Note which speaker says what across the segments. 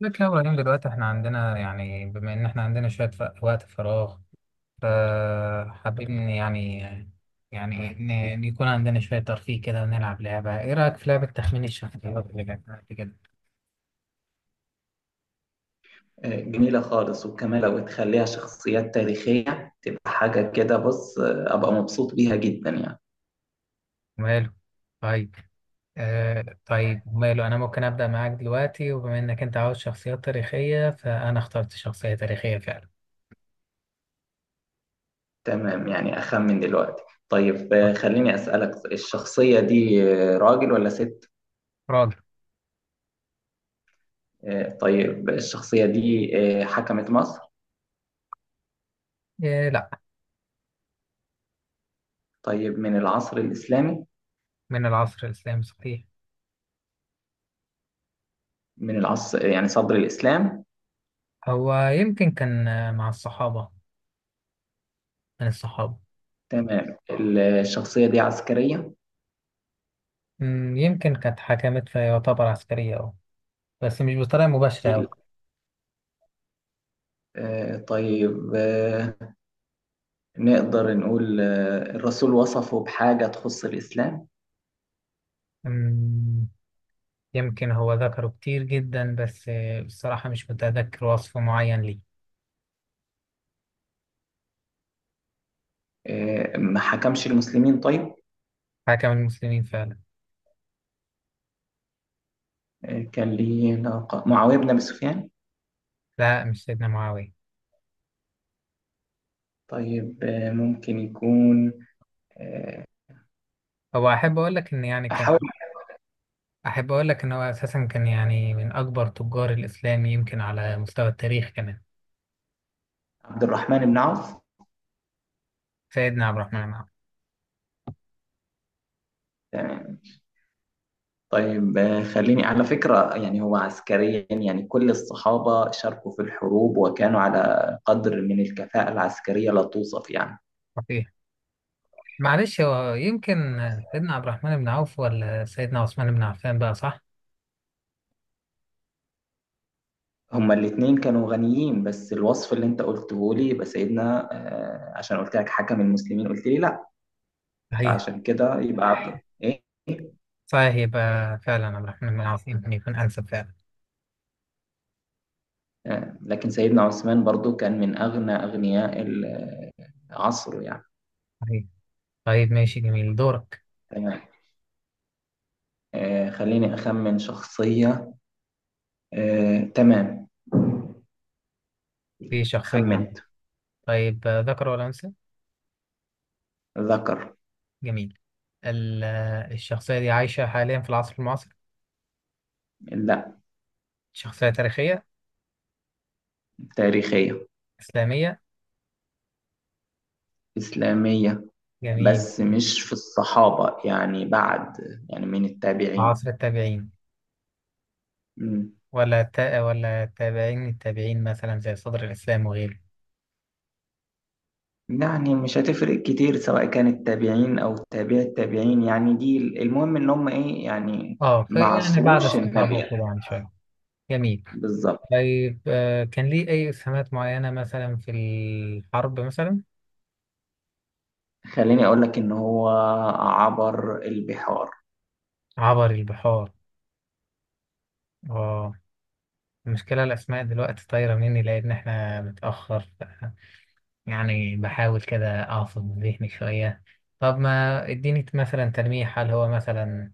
Speaker 1: لك يا إبراهيم، دلوقتي احنا عندنا، يعني بما إن احنا عندنا شوية وقت فراغ، فحابين يعني إن يكون عندنا شوية ترفيه كده، ونلعب لعبة. إيه رأيك في لعبة تخمين الشخصيات اللي لعبناها قبل كده؟
Speaker 2: جميلة خالص وكمان لو تخليها شخصيات تاريخية تبقى حاجة كده. بص، أبقى مبسوط بيها جدا يعني.
Speaker 1: ماله. طيب، طيب ماله، أنا ممكن أبدأ معاك دلوقتي، وبما إنك أنت عاوز شخصيات تاريخية فأنا اخترت شخصية تاريخية فعلا.
Speaker 2: تمام، يعني أخمن دلوقتي. طيب،
Speaker 1: طيب،
Speaker 2: خليني أسألك. الشخصية دي راجل ولا ست؟
Speaker 1: راجل.
Speaker 2: طيب، الشخصية دي حكمت مصر؟
Speaker 1: إيه، لا.
Speaker 2: طيب، من العصر الإسلامي؟
Speaker 1: من العصر الإسلامي صحيح.
Speaker 2: من العصر يعني صدر الإسلام؟
Speaker 1: هو يمكن كان، مع الصحابة، من الصحابة.
Speaker 2: تمام. الشخصية دي عسكرية؟
Speaker 1: يمكن كانت حكمت فيعتبر عسكرية، أه. بس مش بطريقة مباشرة
Speaker 2: ال-
Speaker 1: أوي.
Speaker 2: طيب، نقدر نقول، الرسول وصفه بحاجة تخص الإسلام؟
Speaker 1: مم، يمكن هو ذكره كتير جدا، بس بصراحة مش متذكر وصف معين ليه.
Speaker 2: ما حكمش المسلمين. طيب،
Speaker 1: حكم المسلمين فعلا.
Speaker 2: كان ليه ناقة معاوية بن أبي سفيان؟
Speaker 1: لا، مش سيدنا معاوية.
Speaker 2: طيب، ممكن يكون. آه،
Speaker 1: هو أحب أقول لك إن يعني كان
Speaker 2: أحاول.
Speaker 1: أحب أقول لك إن هو أساسا كان، يعني من أكبر تجار الإسلام يمكن على مستوى التاريخ كمان.
Speaker 2: عبد الرحمن بن عوف.
Speaker 1: سيدنا عبد الرحمن بن عوف.
Speaker 2: تمام. طيب، خليني على فكرة. يعني هو عسكريا يعني كل الصحابة شاركوا في الحروب وكانوا على قدر من الكفاءة العسكرية لا توصف يعني.
Speaker 1: صحيح. معلش، هو يمكن سيدنا عبد الرحمن بن عوف ولا سيدنا عثمان بن عفان بقى، صح؟
Speaker 2: هما الاتنين كانوا غنيين، بس الوصف اللي انت قلته لي يبقى سيدنا عشان قلت لك حكم المسلمين قلت لي لا.
Speaker 1: صحيح
Speaker 2: فعشان كده يبقى عبد ايه.
Speaker 1: صحيح يبقى فعلا عبد الرحمن بن العاص يمكن يكون أنسب فعلا.
Speaker 2: لكن سيدنا عثمان برضو كان من أغنى أغنياء عصره يعني.
Speaker 1: صحيح. طيب، ماشي، جميل. دورك.
Speaker 2: تمام. خليني أخمن شخصية. تمام،
Speaker 1: في شخصية عندك؟
Speaker 2: خمنت.
Speaker 1: طيب، ذكر ولا أنثى؟
Speaker 2: ذكر.
Speaker 1: جميل. الشخصية دي عايشة حاليا في العصر المعاصر؟
Speaker 2: لا.
Speaker 1: شخصية تاريخية،
Speaker 2: تاريخية.
Speaker 1: إسلامية.
Speaker 2: إسلامية.
Speaker 1: جميل.
Speaker 2: بس مش في الصحابة يعني، بعد. يعني من التابعين.
Speaker 1: عصر التابعين
Speaker 2: مم.
Speaker 1: ولا تابعين التابعين، مثلا زي صدر الإسلام وغيره؟
Speaker 2: يعني مش هتفرق كتير، سواء كانت تابعين أو تابع التابعين يعني. دي المهم إن هم إيه يعني.
Speaker 1: اه،
Speaker 2: ما
Speaker 1: فيعني بعد
Speaker 2: عصروش
Speaker 1: الصحابة
Speaker 2: النبي
Speaker 1: وكده
Speaker 2: يعني.
Speaker 1: يعني شوية. جميل.
Speaker 2: بالظبط.
Speaker 1: طيب، كان ليه أي إسهامات معينة، مثلا في الحرب مثلا؟
Speaker 2: خليني أقول لك إن هو عبر البحار.
Speaker 1: عبر البحار، اه. المشكلة الأسماء دلوقتي طايرة مني لأن إحنا متأخر، يعني بحاول كده أعصب ذهني شوية. طب ما إديني مثلا تلميح، هل هو مثلا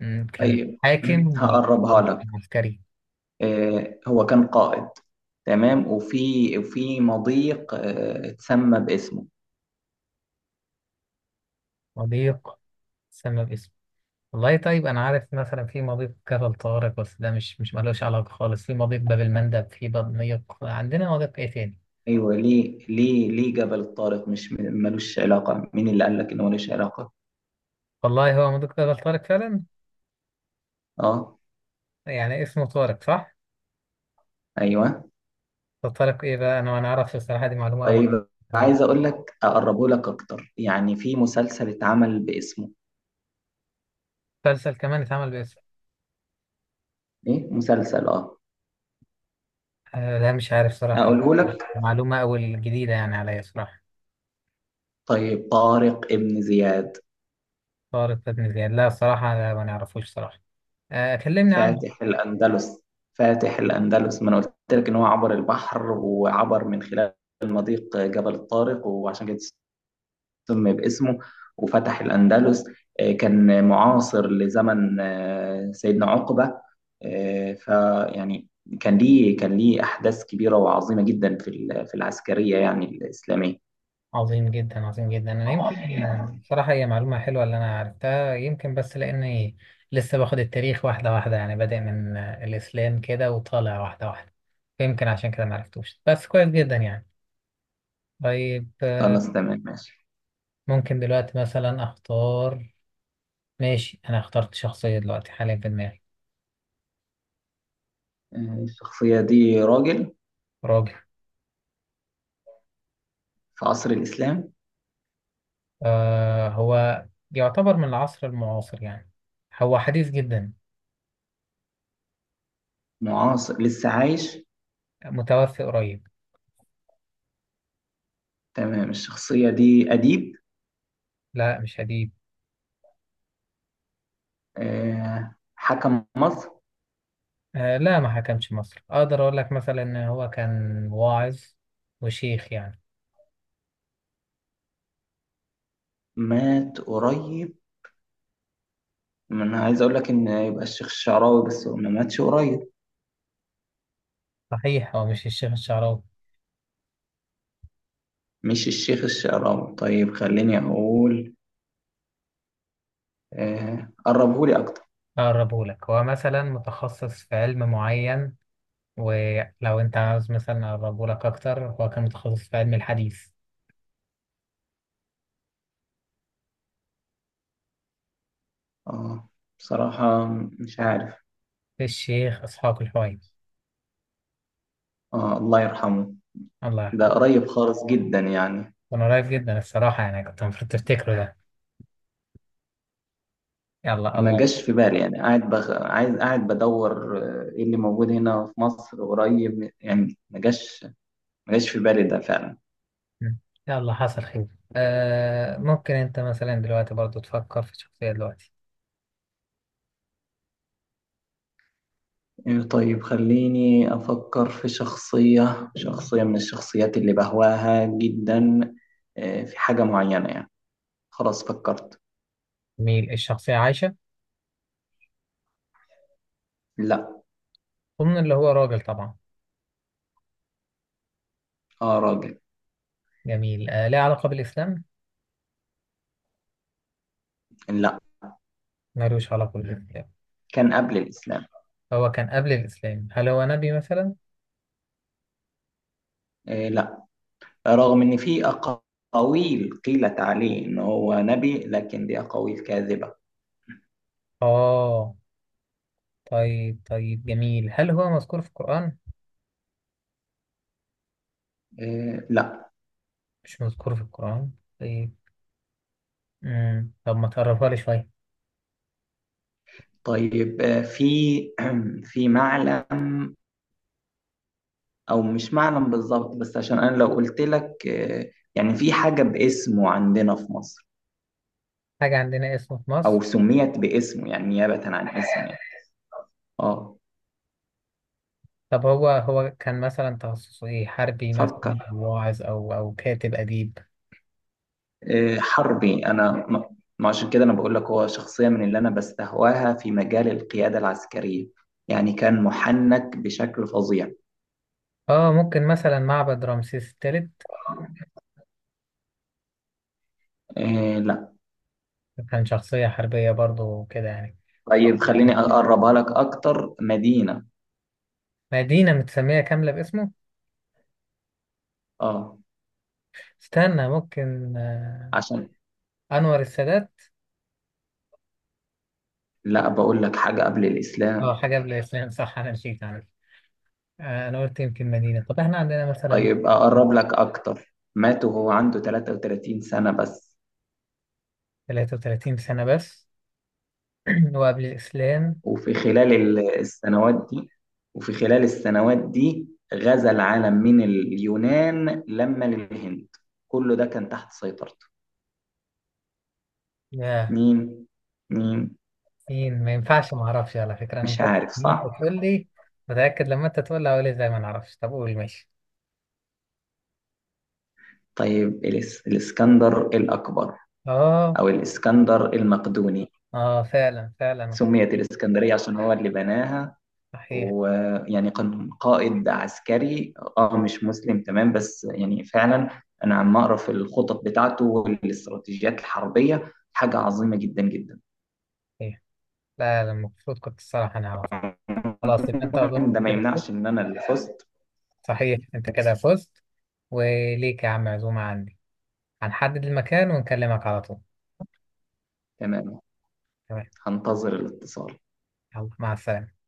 Speaker 1: كان
Speaker 2: طيب،
Speaker 1: حاكم ولا
Speaker 2: هقربها لك.
Speaker 1: عسكري؟
Speaker 2: هو كان قائد. تمام. وفي مضيق اتسمى باسمه.
Speaker 1: مضيق. سمى باسمه. والله، طيب أنا عارف مثلا في مضيق كفر طارق، بس ده مش ملوش علاقة خالص. في مضيق باب المندب، في مضيق، عندنا مضيق إيه تاني؟
Speaker 2: أيوه، ليه ليه ليه جبل طارق؟ مش م- ملوش علاقة؟ مين اللي قال لك إنه ملوش علاقة؟
Speaker 1: والله هو مضيق كفر طارق فعلا.
Speaker 2: أه.
Speaker 1: يعني اسمه طارق، صح؟
Speaker 2: أيوه.
Speaker 1: طب طارق إيه بقى؟ أنا ما نعرفش الصراحة، دي معلومة أول.
Speaker 2: طيب، عايز أقول لك، أقربه لك أكتر. يعني في مسلسل اتعمل باسمه.
Speaker 1: مسلسل كمان اتعمل باسم؟
Speaker 2: إيه، مسلسل، أه.
Speaker 1: آه لا، مش عارف صراحة.
Speaker 2: أقوله لك.
Speaker 1: معلومة أول جديدة يعني عليا صراحة.
Speaker 2: طيب، طارق ابن زياد.
Speaker 1: طارق بن زياد؟ لا صراحة، لا ما نعرفوش صراحة. آه، كلمني عنه.
Speaker 2: فاتح الأندلس. فاتح الأندلس، ما أنا قلت لك إن هو عبر البحر وعبر من خلال المضيق جبل الطارق، وعشان كده سمي باسمه وفتح الأندلس. كان معاصر لزمن سيدنا عقبة. فيعني كان ليه أحداث كبيرة وعظيمة جدا في في العسكرية يعني الإسلامية.
Speaker 1: عظيم جدا، عظيم جدا. أنا يمكن صراحة هي معلومة حلوة اللي أنا عرفتها، يمكن بس لأني لسه باخد التاريخ واحدة واحدة، يعني بادئ من الإسلام كده وطالع واحدة واحدة. فيمكن عشان كده معرفتوش، بس كويس جدا يعني. طيب،
Speaker 2: خلاص، تمام، ماشي.
Speaker 1: ممكن دلوقتي مثلا أختار. ماشي، أنا اخترت شخصية دلوقتي حاليا في دماغي.
Speaker 2: الشخصية دي راجل
Speaker 1: راجل.
Speaker 2: في عصر الإسلام؟
Speaker 1: هو يعتبر من العصر المعاصر يعني، هو حديث جدا،
Speaker 2: معاصر لسه عايش؟
Speaker 1: متوفي قريب.
Speaker 2: تمام. الشخصية دي أديب؟
Speaker 1: لا، مش هديب.
Speaker 2: حكم مصر؟
Speaker 1: آه لا، ما حكمش مصر. اقدر اقول لك مثلا ان هو كان واعظ وشيخ يعني.
Speaker 2: مات قريب. ما انا عايز اقول لك ان يبقى الشيخ الشعراوي، بس هو ما ماتش قريب.
Speaker 1: صحيح، هو مش الشيخ الشعراوي.
Speaker 2: مش الشيخ الشعراوي. طيب، خليني اقول. آه، قربهولي اكتر.
Speaker 1: اقربه لك، هو مثلا متخصص في علم معين. ولو انت عاوز مثلا اقربه لك اكتر، هو كان متخصص في علم الحديث.
Speaker 2: اه، بصراحة مش عارف.
Speaker 1: الشيخ اسحاق الحويني.
Speaker 2: آه، الله يرحمه.
Speaker 1: الله
Speaker 2: ده
Speaker 1: يرحمه.
Speaker 2: قريب خالص جدا يعني.
Speaker 1: كان قريب جدا الصراحة يعني، كنت المفروض تفتكره ده. يلا
Speaker 2: ما
Speaker 1: الله.
Speaker 2: جاش في بالي يعني. قاعد عايز، قاعد بدور ايه اللي موجود هنا في مصر قريب يعني. ما جاش في بالي ده فعلا.
Speaker 1: مم. يلا، حصل خير. ممكن انت مثلا دلوقتي برضو تفكر في شخصية دلوقتي.
Speaker 2: إيه، طيب، خليني أفكر في شخصية من الشخصيات اللي بهواها جدا. في حاجة معينة يعني. خلاص، فكرت.
Speaker 1: جميل، الشخصية عايشة؟
Speaker 2: لا.
Speaker 1: ضمن اللي هو راجل طبعا.
Speaker 2: آه، راجل.
Speaker 1: جميل، ليه علاقة بالإسلام؟
Speaker 2: لا،
Speaker 1: ملوش علاقة بالإسلام.
Speaker 2: كان قبل الإسلام.
Speaker 1: هو كان قبل الإسلام. هل هو نبي مثلا؟
Speaker 2: لا، رغم إن في أقاويل قيلت عليه إن هو نبي، لكن دي أقاويل كاذبة.
Speaker 1: آه طيب، طيب، جميل. هل هو مذكور في القرآن؟
Speaker 2: لا.
Speaker 1: مش مذكور في القرآن. طيب. مم. طب ما تقربها لي شوية.
Speaker 2: طيب، في في معلم. أو مش معلم بالظبط، بس عشان أنا لو قلت لك يعني في حاجة باسمه عندنا في مصر.
Speaker 1: حاجة عندنا اسمه في
Speaker 2: أو
Speaker 1: مصر؟
Speaker 2: سميت باسمه، يعني نيابة عن اسمه يعني. اه.
Speaker 1: طب هو كان مثلا تخصصه ايه، حربي
Speaker 2: فكر.
Speaker 1: مثلا أو واعظ او كاتب اديب؟
Speaker 2: حربي. أنا ما عشان كده أنا بقول لك هو شخصية من اللي أنا بستهواها في مجال القيادة العسكرية. يعني كان محنك بشكل فظيع.
Speaker 1: اه، ممكن مثلا معبد رمسيس الثالث؟
Speaker 2: آه، لا.
Speaker 1: كان شخصية حربية برضو كده يعني.
Speaker 2: طيب، خليني أقربها لك أكتر. مدينة.
Speaker 1: مدينة متسمية كاملة باسمه؟
Speaker 2: اه،
Speaker 1: استنى، ممكن
Speaker 2: عشان.
Speaker 1: أنور السادات؟
Speaker 2: لا، بقول لك حاجة قبل
Speaker 1: اه،
Speaker 2: الإسلام.
Speaker 1: حاجة قبل الإسلام صح، أنا نسيت عنه. أنا قلت يمكن مدينة. طب احنا عندنا مثلا.
Speaker 2: طيب، أقرب لك أكتر. مات وهو عنده 33 سنة بس.
Speaker 1: 33 سنة بس؟ وقبل الإسلام.
Speaker 2: وفي خلال السنوات دي غزا العالم من اليونان لما للهند. كله ده كان تحت سيطرته.
Speaker 1: يا،
Speaker 2: مين مين.
Speaker 1: مين؟ ما ينفعش، ما أعرفش على فكرة. أنا
Speaker 2: مش عارف.
Speaker 1: متأكد لما أنت
Speaker 2: صح.
Speaker 1: تقول لي، متأكد لما أنت تقول لي هقول إزاي ما نعرفش. طب قول، ماشي.
Speaker 2: طيب، الإسكندر الأكبر،
Speaker 1: اه.
Speaker 2: أو الإسكندر المقدوني.
Speaker 1: اه، فعلا، فعلا.
Speaker 2: سميت الإسكندرية عشان هو اللي بناها.
Speaker 1: صحيح.
Speaker 2: ويعني كان قائد عسكري، اه، مش مسلم، تمام، بس يعني فعلا انا عم اقرا في الخطط بتاعته والاستراتيجيات الحربيه، حاجه عظيمه جدا جدا.
Speaker 1: لا لا، المفروض كنت الصراحة أنا أعرف. خلاص يبقى أنت، أظن
Speaker 2: ده
Speaker 1: أنت
Speaker 2: ما
Speaker 1: كده فزت.
Speaker 2: يمنعش ان انا اللي فزت.
Speaker 1: صحيح، أنت كده فزت. وليك يا عم عزومة عندي، هنحدد المكان ونكلمك على طول.
Speaker 2: تمام،
Speaker 1: تمام.
Speaker 2: هنتظر الاتصال.
Speaker 1: يلا، مع السلامة.